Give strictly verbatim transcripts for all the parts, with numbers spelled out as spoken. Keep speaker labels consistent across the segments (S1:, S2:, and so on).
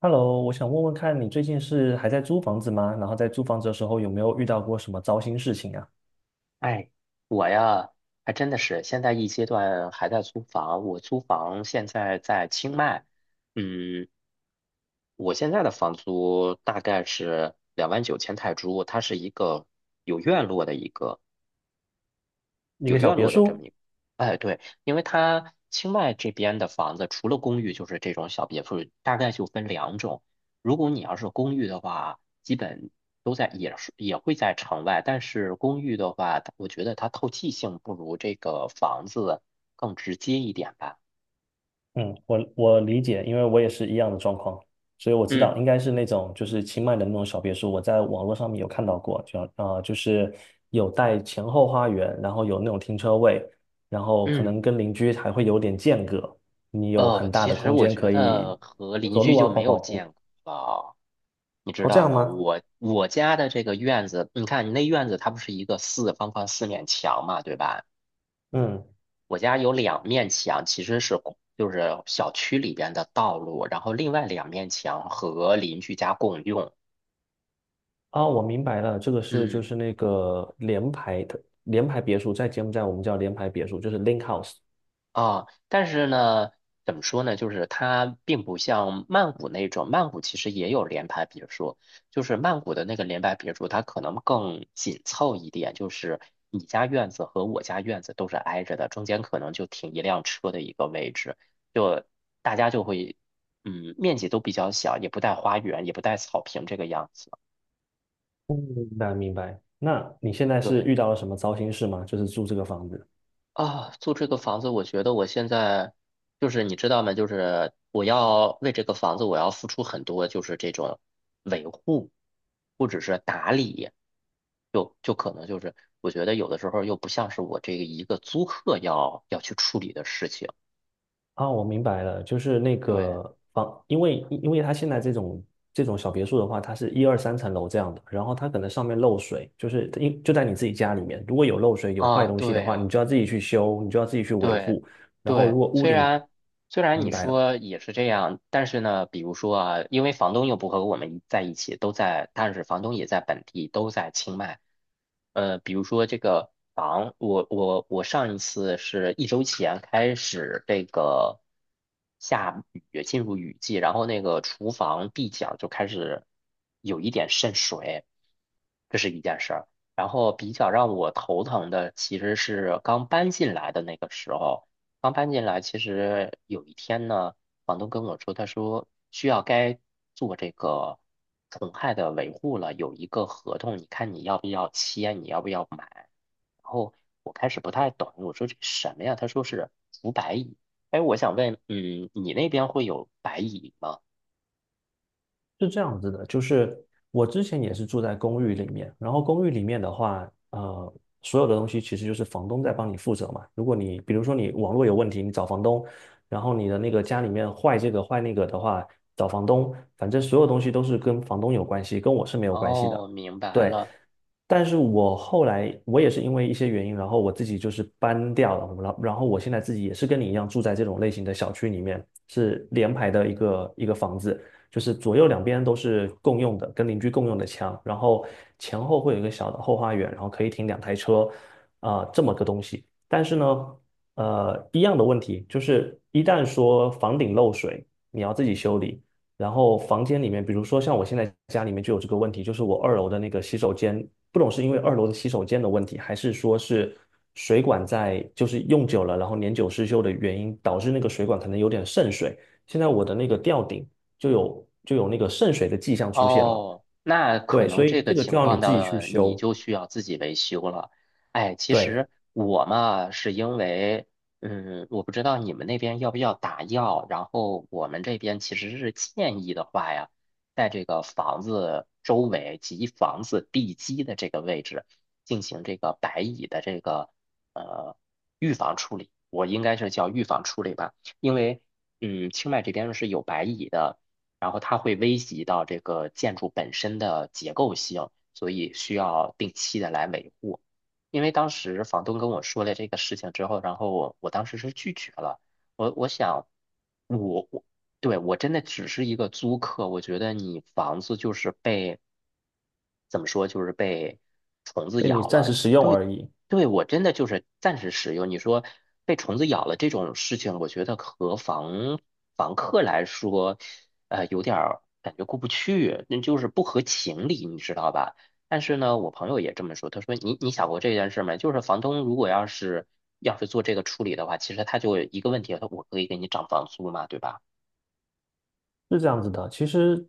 S1: Hello，我想问问看你最近是还在租房子吗？然后在租房子的时候有没有遇到过什么糟心事情啊？
S2: 哎，我呀，还真的是现在一阶段还在租房。我租房现在在清迈，嗯，我现在的房租大概是两万九千泰铢，它是一个有院落的一个。
S1: 一
S2: 有
S1: 个小
S2: 院
S1: 别
S2: 落的这么
S1: 墅，
S2: 一个。哎，对，因为它清迈这边的房子，除了公寓就是这种小别墅，大概就分两种。如果你要是公寓的话，基本都在也是也会在城外，但是公寓的话，它我觉得它透气性不如这个房子更直接一点吧。
S1: 嗯，我我理解，因为我也是一样的状况，所以我知道
S2: 嗯
S1: 应该是那种就是清迈的那种小别墅，我在网络上面有看到过，就啊，呃就是有带前后花园，然后有那种停车位，然后可能
S2: 嗯。
S1: 跟邻居还会有点间隔，你有
S2: 呃，
S1: 很大
S2: 其
S1: 的
S2: 实
S1: 空
S2: 我
S1: 间
S2: 觉
S1: 可
S2: 得
S1: 以
S2: 和
S1: 走
S2: 邻
S1: 走
S2: 居
S1: 路啊，
S2: 就没
S1: 跑
S2: 有
S1: 跑步。
S2: 见过了。你知
S1: 哦，这
S2: 道
S1: 样
S2: 吗？
S1: 吗？
S2: 我我家的这个院子，你看你那院子它不是一个四方方四面墙嘛，对吧？
S1: 嗯。
S2: 我家有两面墙，其实是公就是小区里边的道路，然后另外两面墙和邻居家共用。
S1: 啊，我明白了，这个是就
S2: 嗯。
S1: 是那个联排的联排别墅，在柬埔寨我们叫联排别墅，就是 link house。
S2: 啊，但是呢，怎么说呢？就是它并不像曼谷那种，曼谷其实也有联排别墅，就是曼谷的那个联排别墅，它可能更紧凑一点，就是你家院子和我家院子都是挨着的，中间可能就停一辆车的一个位置，就大家就会，嗯，面积都比较小，也不带花园，也不带草坪这个样子。
S1: 嗯，明白明白。那你现在是
S2: 对。
S1: 遇到了什么糟心事吗？就是住这个房子。
S2: 啊，租这个房子，我觉得我现在就是你知道吗？就是我要为这个房子，我要付出很多，就是这种维护或者是打理，就就可能就是我觉得有的时候又不像是我这个一个租客要要去处理的事情。
S1: 啊，我明白了，就是那
S2: 对
S1: 个房，因为因为它现在这种这种小别墅的话，它是一二三层楼这样的，然后它可能上面漏水，就是因就在你自己家里面，如果有漏水有坏
S2: 啊，
S1: 东西的
S2: 对
S1: 话，你
S2: 呀。
S1: 就要自己去修，你就要自己去维
S2: 对，
S1: 护，然后
S2: 对，
S1: 如果屋
S2: 虽
S1: 顶，
S2: 然虽然
S1: 明
S2: 你
S1: 白了。
S2: 说也是这样，但是呢，比如说啊，因为房东又不和我们一在一起，都在，但是房东也在本地，都在清迈。呃，比如说这个房，我我我上一次是一周前开始这个下雨，进入雨季，然后那个厨房壁角就开始有一点渗水，这是一件事儿。然后比较让我头疼的其实是刚搬进来的那个时候，刚搬进来，其实有一天呢，房东跟我说，他说需要该做这个虫害的维护了，有一个合同，你看你要不要签，你要不要买。然后我开始不太懂，我说这什么呀？他说是除白蚁。哎，我想问，嗯，你那边会有白蚁吗？
S1: 是这样子的，就是我之前也是住在公寓里面，然后公寓里面的话，呃，所有的东西其实就是房东在帮你负责嘛。如果你比如说你网络有问题，你找房东，然后你的那个家里面坏这个坏那个的话，找房东，反正所有东西都是跟房东有关系，跟我是没有关系的。
S2: 哦，明白
S1: 对，
S2: 了。
S1: 但是我后来我也是因为一些原因，然后我自己就是搬掉了，然后然后我现在自己也是跟你一样住在这种类型的小区里面，是联排的一个一个房子。就是左右两边都是共用的，跟邻居共用的墙，然后前后会有一个小的后花园，然后可以停两台车，啊、这么个东西。但是呢，呃，一样的问题就是，一旦说房顶漏水，你要自己修理。然后房间里面，比如说像我现在家里面就有这个问题，就是我二楼的那个洗手间，不懂是因为二楼的洗手间的问题，还是说是水管在就是用久了，然后年久失修的原因，导致那个水管可能有点渗水。现在我的那个吊顶就有就有那个渗水的迹象出现了。
S2: 哦，那可
S1: 对，所
S2: 能
S1: 以
S2: 这
S1: 这
S2: 个
S1: 个就
S2: 情
S1: 要你
S2: 况
S1: 自己去
S2: 的你
S1: 修，
S2: 就需要自己维修了。哎，其
S1: 对，
S2: 实我嘛，是因为，嗯，我不知道你们那边要不要打药，然后我们这边其实是建议的话呀，在这个房子周围及房子地基的这个位置进行这个白蚁的这个呃预防处理，我应该是叫预防处理吧，因为嗯，清迈这边是有白蚁的。然后它会危及到这个建筑本身的结构性，所以需要定期的来维护。因为当时房东跟我说了这个事情之后，然后我我当时是拒绝了。我我想，我我对我真的只是一个租客，我觉得你房子就是被怎么说，就是被虫子
S1: 被你
S2: 咬
S1: 暂
S2: 了。
S1: 时使用
S2: 对，
S1: 而已，
S2: 对我真的就是暂时使用。你说被虫子咬了这种事情，我觉得和房房客来说，呃，有点儿感觉过不去，那就是不合情理，你知道吧？但是呢，我朋友也这么说，他说你你想过这件事没？就是房东如果要是要是做这个处理的话，其实他就一个问题，他我可以给你涨房租嘛，对吧？
S1: 是这样子的。其实，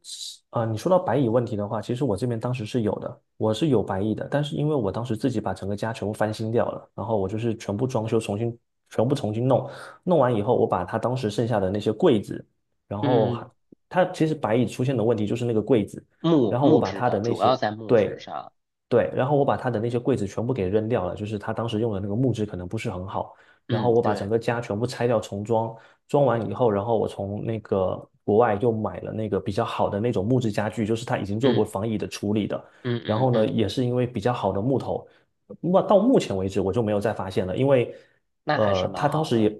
S1: 呃，你说到白蚁问题的话，其实我这边当时是有的，我是有白蚁的，但是因为我当时自己把整个家全部翻新掉了，然后我就是全部装修，重新全部重新弄，弄完以后，我把它当时剩下的那些柜子，然后还
S2: 嗯，
S1: 它其实白蚁出现的问题就是那个柜子，
S2: 木
S1: 然后我
S2: 木
S1: 把
S2: 质
S1: 它
S2: 的，
S1: 的那
S2: 主要
S1: 些，
S2: 在木质
S1: 对，
S2: 上。
S1: 对，然后我把他的那些柜子全部给扔掉了，就是他当时用的那个木质可能不是很好。然后
S2: 嗯，
S1: 我把整
S2: 对，
S1: 个家全部拆掉重装，装完以后，然后我从那个国外又买了那个比较好的那种木质家具，就是他已经做过
S2: 嗯
S1: 防蚁的处理的。
S2: 嗯
S1: 然
S2: 嗯
S1: 后呢，
S2: 嗯，
S1: 也是因为比较好的木头，那到目前为止我就没有再发现了，因为
S2: 那还是
S1: 呃，
S2: 蛮
S1: 他当
S2: 好
S1: 时也
S2: 的。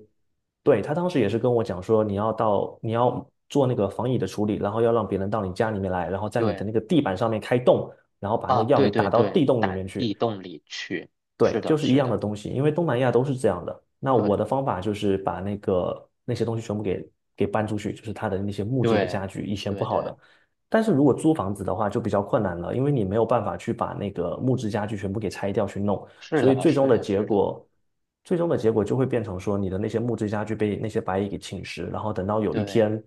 S1: 对他当时也是跟我讲说，你要到你要做那个防蚁的处理，然后要让别人到你家里面来，然后在你的
S2: 对
S1: 那个地板上面开洞。然后把那个
S2: 啊，
S1: 药
S2: 对
S1: 给
S2: 对
S1: 打到
S2: 对，
S1: 地洞里
S2: 打
S1: 面
S2: 地
S1: 去。
S2: 洞里去。是
S1: 对，
S2: 的，
S1: 就是一
S2: 是
S1: 样的
S2: 的，
S1: 东西，因为东南亚都是这样的。那我的
S2: 对
S1: 方法就是把那个那些东西全部给给搬出去，就是他的那些木质的
S2: 对
S1: 家具，以前不
S2: 对
S1: 好
S2: 对，
S1: 的。但是如果租房子的话，就比较困难了，因为你没有办法去把那个木质家具全部给拆掉去弄，
S2: 是
S1: 所以
S2: 的，
S1: 最终
S2: 是
S1: 的
S2: 的，
S1: 结
S2: 是的，
S1: 果，最终的结果就会变成说，你的那些木质家具被那些白蚁给侵蚀，然后等到有一
S2: 对。
S1: 天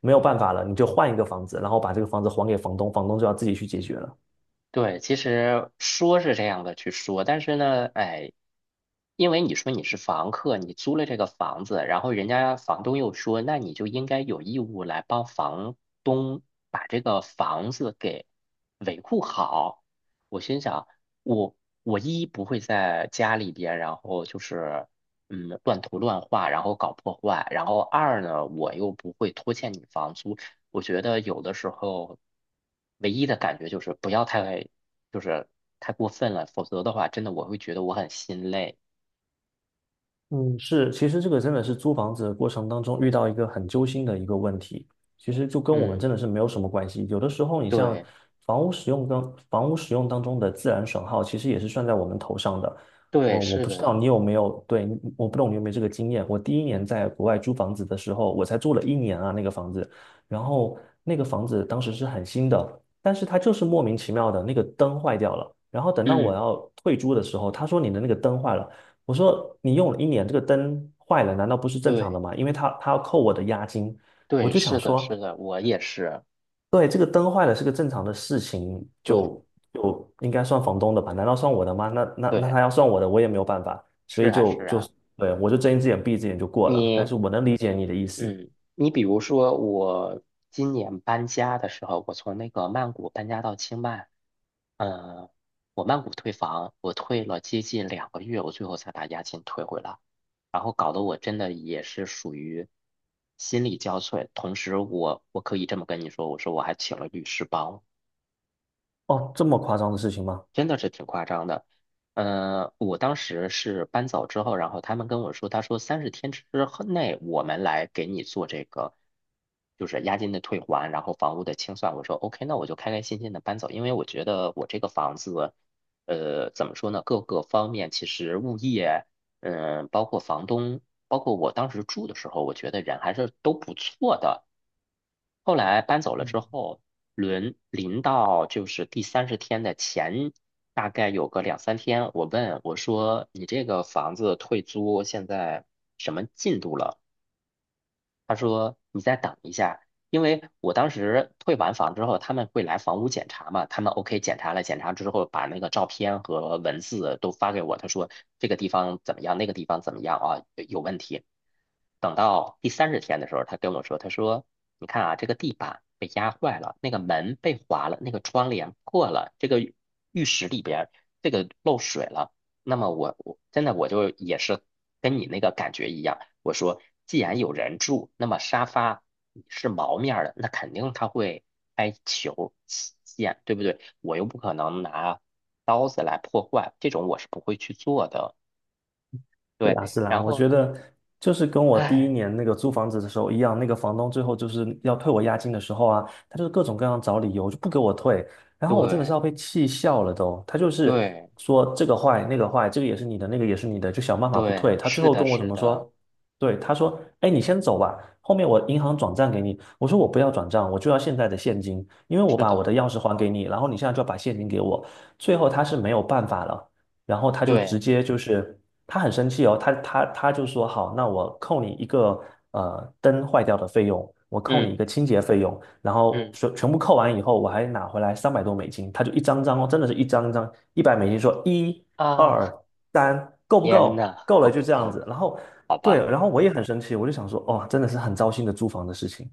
S1: 没有办法了，你就换一个房子，然后把这个房子还给房东，房东就要自己去解决了。
S2: 对，其实说是这样的去说，但是呢，哎，因为你说你是房客，你租了这个房子，然后人家房东又说，那你就应该有义务来帮房东把这个房子给维护好。我心想，我我一不会在家里边，然后就是嗯乱涂乱画，然后搞破坏，然后二呢，我又不会拖欠你房租。我觉得有的时候，唯一的感觉就是不要太，就是太过分了，否则的话，真的我会觉得我很心累。
S1: 嗯，是，其实这个真的是租房子的过程当中遇到一个很揪心的一个问题，其实就跟我们
S2: 嗯，
S1: 真的是没有什么关系。有的时候，你像
S2: 对，
S1: 房屋使用当房屋使用当中的自然损耗，其实也是算在我们头上的。
S2: 对，
S1: 哦，我
S2: 是
S1: 不知道
S2: 的，
S1: 你有没有，对，你我不懂你有没有这个经验。我第一年在国外租房子的时候，我才住了一年啊，那个房子，然后那个房子当时是很新的，但是它就是莫名其妙的那个灯坏掉了。然后等到我
S2: 嗯，
S1: 要退租的时候，他说你的那个灯坏了。我说你用了一年，这个灯坏了，难道不是正常的
S2: 对，
S1: 吗？因为他他要扣我的押金，我
S2: 对，
S1: 就想
S2: 是的，
S1: 说，
S2: 是的，我也是，
S1: 对，这个灯坏了是个正常的事情，
S2: 对，
S1: 就就应该算房东的吧？难道算我的吗？那那那
S2: 对，
S1: 他要算我的，我也没有办法，所
S2: 是
S1: 以
S2: 啊，
S1: 就
S2: 是
S1: 就
S2: 啊，
S1: 对我就睁一只眼闭一只眼就过了。但
S2: 你
S1: 是我能理解你的意思，
S2: 嗯，你比如说我今年搬家的时候，我从那个曼谷搬家到清迈，嗯，我曼谷退房，我退了接近两个月，我最后才把押金退回来，然后搞得我真的也是属于心力交瘁。同时我，我可以这么跟你说，我说我还请了律师帮我。
S1: 哦，这么夸张的事情吗？
S2: 真的是挺夸张的。嗯、我当时是搬走之后，然后他们跟我说，他说三十天之后内我们来给你做这个，就是押金的退还，然后房屋的清算。我说 OK，那我就开开心心的搬走，因为我觉得我这个房子，呃，怎么说呢，各个方面其实物业，嗯、包括房东，包括我当时住的时候，我觉得人还是都不错的。后来搬走了之后，轮临到就是第三十天的前，大概有个两三天，我问我说：“你这个房子退租现在什么进度了？”他说你再等一下，因为我当时退完房之后，他们会来房屋检查嘛，他们 OK 检查了，检查之后把那个照片和文字都发给我，他说这个地方怎么样，那个地方怎么样啊，有问题。等到第三十天的时候，他跟我说，他说你看啊，这个地板被压坏了，那个门被划了，那个窗帘破了，这个浴室里边儿这个漏水了。那么我我真的我就也是跟你那个感觉一样，我说既然有人住，那么沙发是毛面儿的，那肯定它会开球起溅，对不对？我又不可能拿刀子来破坏，这种我是不会去做的。
S1: 是
S2: 对，
S1: 啊，是啊，
S2: 然
S1: 我
S2: 后
S1: 觉得就是跟我第一
S2: 哎，
S1: 年那个租房子的时候一样，那个房东最后就是要退我押金的时候啊，他就是各种各样找理由就不给我退，然后我真的是
S2: 对
S1: 要被气笑了都。他就是
S2: 对
S1: 说这个坏那个坏，这个也是你的，那个也是你的，就想办法不
S2: 对，
S1: 退。他最
S2: 是
S1: 后
S2: 的，
S1: 跟我怎
S2: 是
S1: 么
S2: 的，
S1: 说？对，他说：“哎，你先走吧，后面我银行转账给你。”我说：“我不要转账，我就要现在的现金，因为我
S2: 是
S1: 把我
S2: 的，
S1: 的钥匙还给你，然后你现在就要把现金给我。”最后他是没有办法了。然后他就直
S2: 对，
S1: 接就是他很生气哦，他他他就说好，那我扣你一个呃灯坏掉的费用，我扣你一
S2: 嗯
S1: 个清洁费用，然后
S2: 嗯
S1: 全全部扣完以后，我还拿回来三百多美金，他就一张张哦，真的是一张一张一百美金说一
S2: 啊，
S1: 二三够不
S2: 天
S1: 够？
S2: 呐，
S1: 够了
S2: 够
S1: 就
S2: 不
S1: 这样
S2: 够？
S1: 子，然后
S2: 好
S1: 对，
S2: 吧。
S1: 然后我也很生气，我就想说哦，真的是很糟心的租房的事情。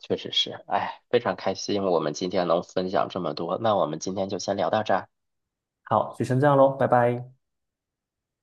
S2: 确实是，哎，非常开心我们今天能分享这么多，那我们今天就先聊到这儿。
S1: 好，就先这样喽，拜拜。